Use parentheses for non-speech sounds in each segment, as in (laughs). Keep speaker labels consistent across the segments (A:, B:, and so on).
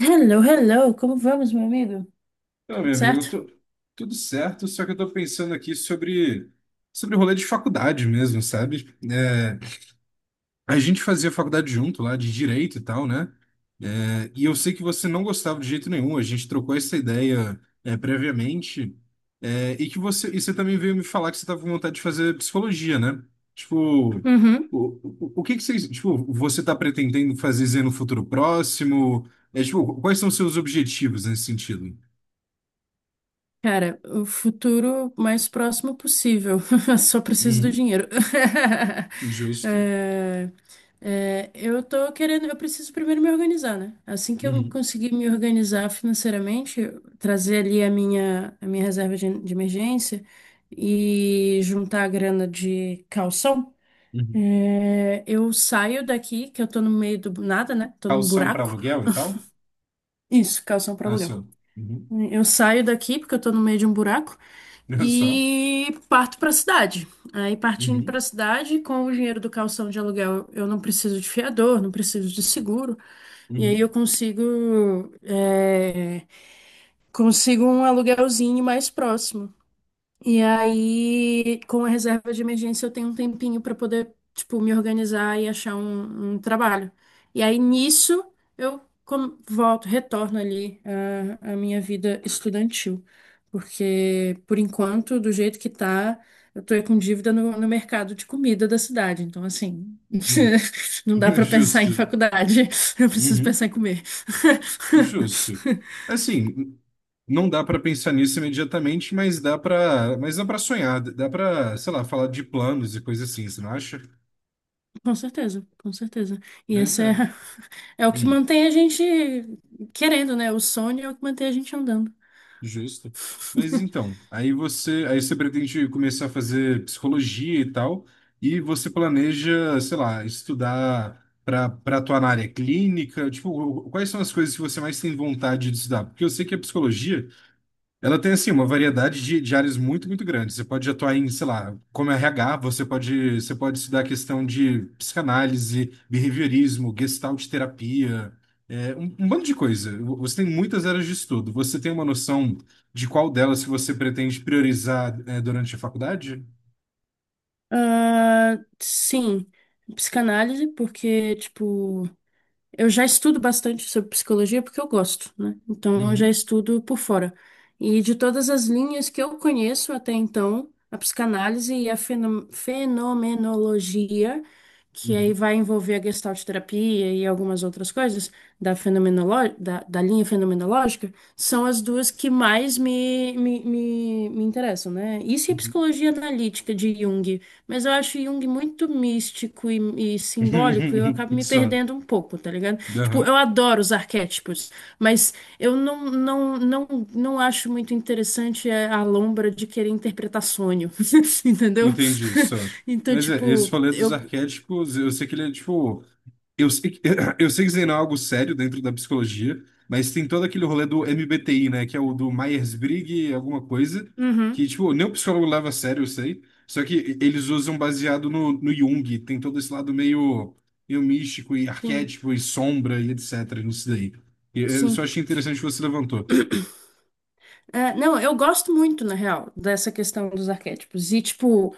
A: Hello, hello, como vamos, meu amigo?
B: Então,
A: Tudo
B: meu amigo,
A: certo?
B: tudo certo, só que eu tô pensando aqui sobre o rolê de faculdade mesmo, sabe? É, a gente fazia faculdade junto lá, de direito e tal, né? É, e eu sei que você não gostava de jeito nenhum, a gente trocou essa ideia, é, previamente, é, e você também veio me falar que você tava com vontade de fazer psicologia, né? Tipo, o,
A: Uhum.
B: o, o que que você, tipo, você tá pretendendo fazer no futuro próximo? É, tipo, quais são os seus objetivos nesse sentido?
A: Cara, o futuro mais próximo possível. (laughs) Só preciso do dinheiro. (laughs)
B: Justo.
A: É, eu tô querendo, eu preciso primeiro me organizar, né? Assim que eu
B: Uhum,
A: conseguir me organizar financeiramente, trazer ali a minha reserva de emergência e juntar a grana de calção,
B: uhum.
A: eu saio daqui, que eu tô no meio do nada, né? Tô num
B: Calção para
A: buraco.
B: aluguel e tal?
A: Isso, calção para
B: Ah,
A: aluguel.
B: só. Uhum. (laughs)
A: Eu saio daqui porque eu tô no meio de um buraco
B: Ah, só.
A: e parto pra cidade. Aí partindo pra
B: Uhum,
A: cidade, com o dinheiro do calção de aluguel, eu não preciso de fiador, não preciso de seguro. E aí
B: uhum,
A: eu consigo, consigo um aluguelzinho mais próximo. E aí, com a reserva de emergência, eu tenho um tempinho para poder, tipo, me organizar e achar um trabalho. E aí, nisso, volto, retorno ali à minha vida estudantil. Porque, por enquanto, do jeito que tá, eu tô com dívida no mercado de comida da cidade. Então, assim, (laughs)
B: uhum.
A: não dá
B: (laughs)
A: para pensar em
B: Justo.
A: faculdade. Eu preciso
B: Uhum.
A: pensar em comer. (laughs)
B: Justo. Assim, não dá para pensar nisso imediatamente, mas dá para sonhar, dá para, sei lá, falar de planos e coisas assim, você não acha?
A: Com certeza, com certeza. E
B: Mas
A: essa é,
B: é.
A: (laughs) é o que
B: Hum.
A: mantém a gente querendo, né? O sonho é o que mantém a gente andando.
B: Justo. Mas
A: (laughs)
B: então, aí você pretende começar a fazer psicologia e tal, e você planeja, sei lá, estudar para atuar na área clínica, tipo, quais são as coisas que você mais tem vontade de estudar? Porque eu sei que a psicologia, ela tem, assim, uma variedade de áreas muito, muito grande. Você pode atuar em, sei lá, como RH, você pode estudar a questão de psicanálise, behaviorismo, gestalt terapia, é, um bando de coisa. Você tem muitas áreas de estudo. Você tem uma noção de qual delas que você pretende priorizar, é, durante a faculdade?
A: Ah, sim, psicanálise, porque, tipo. Eu já estudo bastante sobre psicologia porque eu gosto, né? Então eu já
B: Uhum,
A: estudo por fora. E de todas as linhas que eu conheço até então, a psicanálise e a fenomenologia, que aí
B: uhum,
A: vai envolver a gestalt terapia e algumas outras coisas da, da linha fenomenológica, são as duas que mais me interessam, né? Isso e a
B: uhum.
A: psicologia analítica de Jung. Mas eu acho Jung muito místico e simbólico e eu acabo
B: (laughs)
A: me
B: Só.
A: perdendo um pouco, tá ligado? Tipo,
B: Aham.
A: eu adoro os arquétipos, mas eu não, não acho muito interessante é, a lombra de querer interpretar sonho, (laughs) entendeu?
B: Entendi, só.
A: (laughs) Então,
B: Mas é, esse
A: tipo,
B: falei dos
A: eu...
B: arquétipos, eu sei que ele é, tipo, eu sei que, (clears throat) eu sei que isso aí não é algo sério dentro da psicologia, mas tem todo aquele rolê do MBTI, né? Que é o do Myers-Briggs, alguma coisa,
A: Uhum,
B: que, tipo, nem o psicólogo leva a sério, eu sei. Só que eles usam baseado no Jung, tem todo esse lado meio, meio místico e
A: sim,
B: arquétipo e sombra e etc. nisso daí. E eu só
A: sim.
B: achei interessante que você levantou.
A: É, não, eu gosto muito, na real, dessa questão dos arquétipos. E, tipo,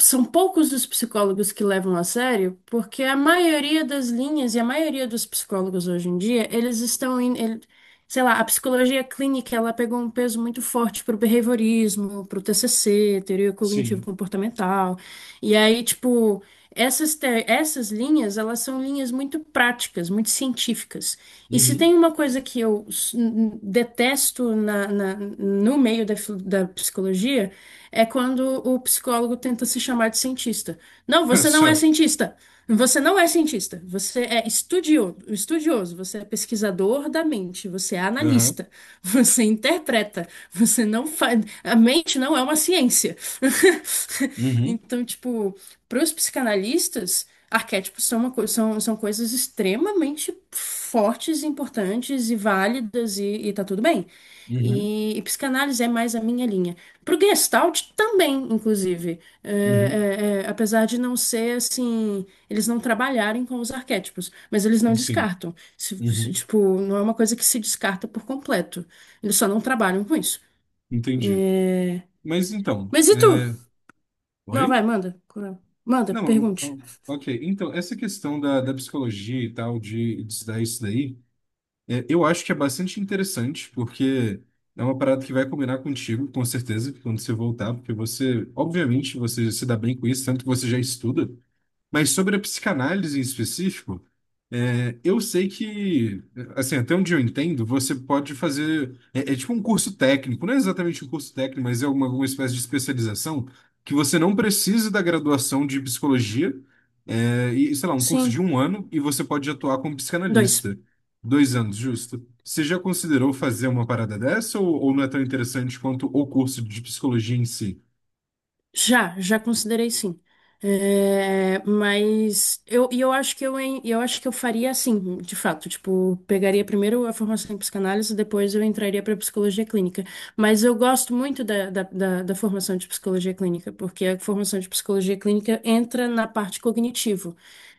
A: são poucos os psicólogos que levam a sério, porque a maioria das linhas e a maioria dos psicólogos hoje em dia, eles estão indo sei lá, a psicologia clínica, ela pegou um peso muito forte pro behaviorismo, pro TCC, teoria
B: Sim.
A: cognitivo-comportamental. E aí, tipo, essas linhas, elas são linhas muito práticas, muito científicas. E se
B: Uhum.
A: tem uma coisa que eu detesto no meio da, da psicologia, é quando o psicólogo tenta se chamar de cientista. Não,
B: (laughs)
A: você não é
B: Só.
A: cientista. Você não é cientista, você é estudioso, você é pesquisador da mente, você é
B: Aham.
A: analista, você (laughs) interpreta, você não faz. A mente não é uma ciência. (laughs)
B: Uhum.
A: Então, tipo, para os psicanalistas, arquétipos são, são, são coisas extremamente fortes, importantes e válidas, e tá tudo bem.
B: Uhum.
A: E psicanálise é mais a minha linha. Pro Gestalt também, inclusive.
B: Uhum.
A: É, apesar de não ser assim, eles não trabalharem com os arquétipos, mas eles não
B: Sim.
A: descartam.
B: Uhum.
A: Tipo, não é uma coisa que se descarta por completo. Eles só não trabalham com isso.
B: Entendi. Mas então.
A: Mas e tu?
B: É...
A: Não, vai,
B: Oi?
A: manda. Coral. Manda,
B: Não, então,
A: pergunte.
B: ok. Então, essa questão da psicologia e tal, de estudar isso daí, é, eu acho que é bastante interessante, porque é uma parada que vai combinar contigo, com certeza, quando você voltar, porque você, obviamente, você se dá bem com isso, tanto que você já estuda. Mas sobre a psicanálise em específico, é, eu sei que, assim, até onde eu entendo, você pode fazer. É, é tipo um curso técnico, não é exatamente um curso técnico, mas é uma espécie de especialização que você não precisa da graduação de psicologia, é, e, sei lá, um curso de
A: Sim,
B: um ano, e você pode atuar como
A: dois.
B: psicanalista. Dois anos, justo. Você já considerou fazer uma parada dessa ou não é tão interessante quanto o curso de psicologia em si?
A: Já, já considerei sim. É, mas eu, e eu acho que eu acho que eu faria assim, de fato, tipo, pegaria primeiro a formação em psicanálise, depois eu entraria para psicologia clínica. Mas eu gosto muito da formação de psicologia clínica, porque a formação de psicologia clínica entra na parte cognitivo,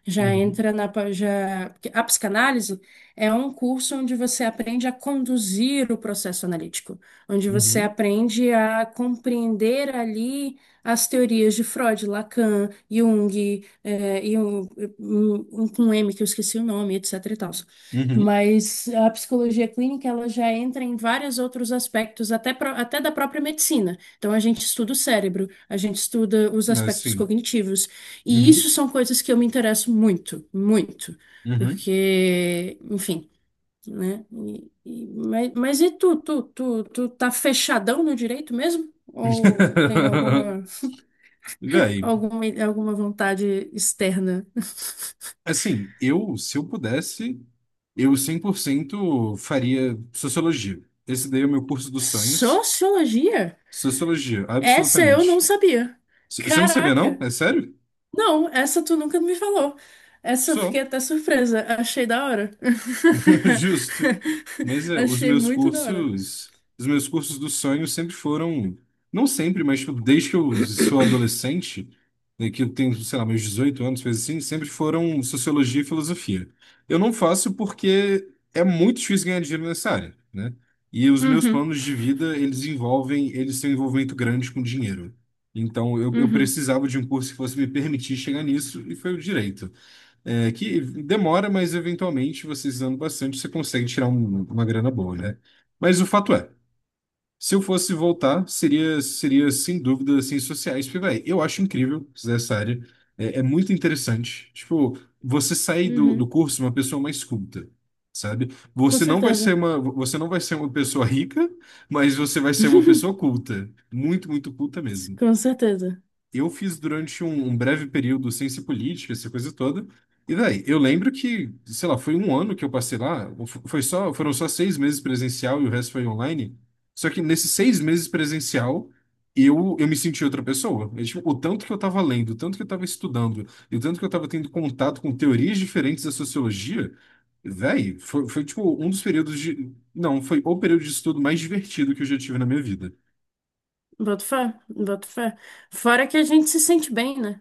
A: já
B: Uhum,
A: entra na já, porque a psicanálise é um curso onde você aprende a conduzir o processo analítico, onde você
B: uhum,
A: aprende a compreender ali as teorias de Freud, Lacan, Jung, e um, um com M que eu esqueci o nome, etc e tals.
B: uhum.
A: Mas a psicologia clínica, ela já entra em vários outros aspectos, até, até da própria medicina. Então, a gente estuda o cérebro, a gente estuda os aspectos
B: Assim.
A: cognitivos. E isso
B: Uhum,
A: são coisas que eu me interesso muito, muito.
B: uhum.
A: Porque, enfim, né? Mas e tu, tu tá fechadão no direito mesmo? Ou tem
B: (laughs)
A: alguma...
B: Véi,
A: Alguma, alguma vontade externa.
B: assim, eu, se eu pudesse, eu 100% faria sociologia. Esse daí é o meu curso dos sonhos.
A: Sociologia?
B: Sociologia,
A: Essa eu não
B: absolutamente.
A: sabia.
B: C- Você não sabia, não?
A: Caraca!
B: É sério?
A: Não, essa tu nunca me falou. Essa eu fiquei
B: Só.
A: até surpresa. Achei da hora.
B: (laughs) Justo. Mas
A: (laughs)
B: é, os
A: Achei
B: meus
A: muito da hora.
B: cursos, os meus cursos do sonho sempre foram, não sempre, mas tipo, desde que eu sou adolescente, né, que eu tenho, sei lá, meus 18 anos, coisa assim, sempre foram sociologia e filosofia. Eu não faço porque é muito difícil ganhar dinheiro nessa área, né? E os meus
A: Uhum,
B: planos de vida, eles envolvem, eles têm um envolvimento grande com dinheiro. Então, eu
A: uhum,
B: precisava de um curso que fosse me permitir chegar nisso, e foi o direito. É, que demora, mas eventualmente, você usando bastante, você consegue tirar uma grana boa, né? Mas o fato é, se eu fosse voltar, seria sem dúvida ciências sociais, porque, véi, eu acho incrível essa área, é, é muito interessante. Tipo, você sair do, do
A: uhum.
B: curso uma pessoa mais culta, sabe?
A: Com certeza.
B: Você não vai ser uma pessoa rica, mas você vai ser uma pessoa
A: (laughs)
B: culta, muito, muito culta mesmo
A: Com certeza.
B: eu fiz durante um, um breve período ciência política, essa coisa toda. E daí, eu lembro que, sei lá, foi um ano que eu passei lá, ou foram só 6 meses presencial e o resto foi online. Só que nesses 6 meses presencial, eu me senti outra pessoa. É, tipo, o tanto que eu estava lendo, o tanto que eu estava estudando, e o tanto que eu estava tendo contato com teorias diferentes da sociologia, véi, foi, foi tipo um dos períodos de. Não, foi o período de estudo mais divertido que eu já tive na minha vida.
A: Boto fé, boto fé. Fora que a gente se sente bem, né?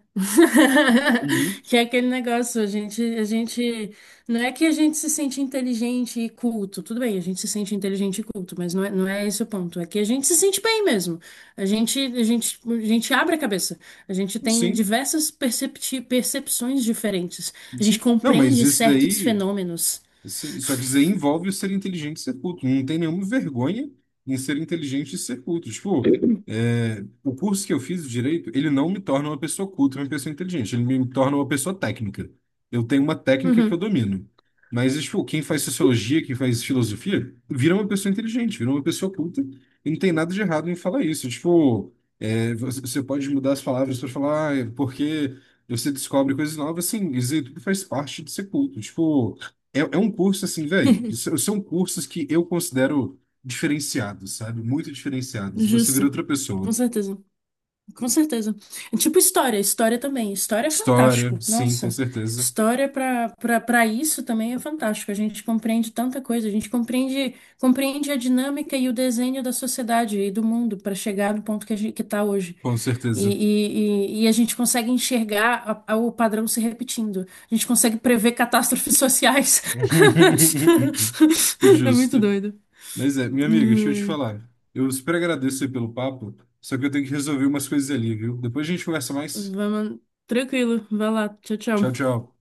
B: Uhum.
A: (laughs) Que é aquele negócio, a gente, não é que a gente se sente inteligente e culto, tudo bem, a gente se sente inteligente e culto, mas não é, não é esse o ponto, é que a gente se sente bem mesmo. A gente abre a cabeça, a gente tem
B: Sim,
A: diversas percepções diferentes, a gente
B: sim. Não, mas
A: compreende
B: isso
A: certos
B: daí.
A: fenômenos.
B: Sim, só que isso aí envolve o ser inteligente e ser culto. Não tem nenhuma vergonha em ser inteligente e ser culto. Tipo, é, o curso que eu fiz de direito, ele não me torna uma pessoa culta, uma pessoa inteligente. Ele me torna uma pessoa técnica. Eu tenho uma técnica que eu
A: Uhum.
B: domino. Mas, tipo, quem faz sociologia, quem faz filosofia, vira uma pessoa inteligente, vira uma pessoa culta. E não tem nada de errado em falar isso. Tipo, é, você pode mudar as palavras para falar, ah, é porque você descobre coisas novas. Assim isso aí tudo faz parte de ser culto. Tipo, é, é um curso assim, velho. São
A: (laughs)
B: são cursos que eu considero diferenciados, sabe? Muito diferenciados. Você vira
A: Justo,
B: outra
A: com
B: pessoa.
A: certeza. Com certeza. É tipo história, história também. História é
B: História,
A: fantástico.
B: sim, com
A: Nossa,
B: certeza.
A: história para isso também é fantástico. A gente compreende tanta coisa, a gente compreende a dinâmica e o desenho da sociedade e do mundo para chegar no ponto que a gente que está hoje.
B: Com
A: E,
B: certeza.
A: e a gente consegue enxergar o padrão se repetindo. A gente consegue prever catástrofes sociais.
B: (laughs)
A: (laughs) É muito
B: Justo.
A: doido.
B: Mas é, minha amiga, deixa eu te
A: Hum,
B: falar. Eu super agradeço aí pelo papo, só que eu tenho que resolver umas coisas ali, viu? Depois a gente conversa mais.
A: Vamos, tranquilo, vai lá. Tchau,
B: Tchau,
A: tchau.
B: tchau.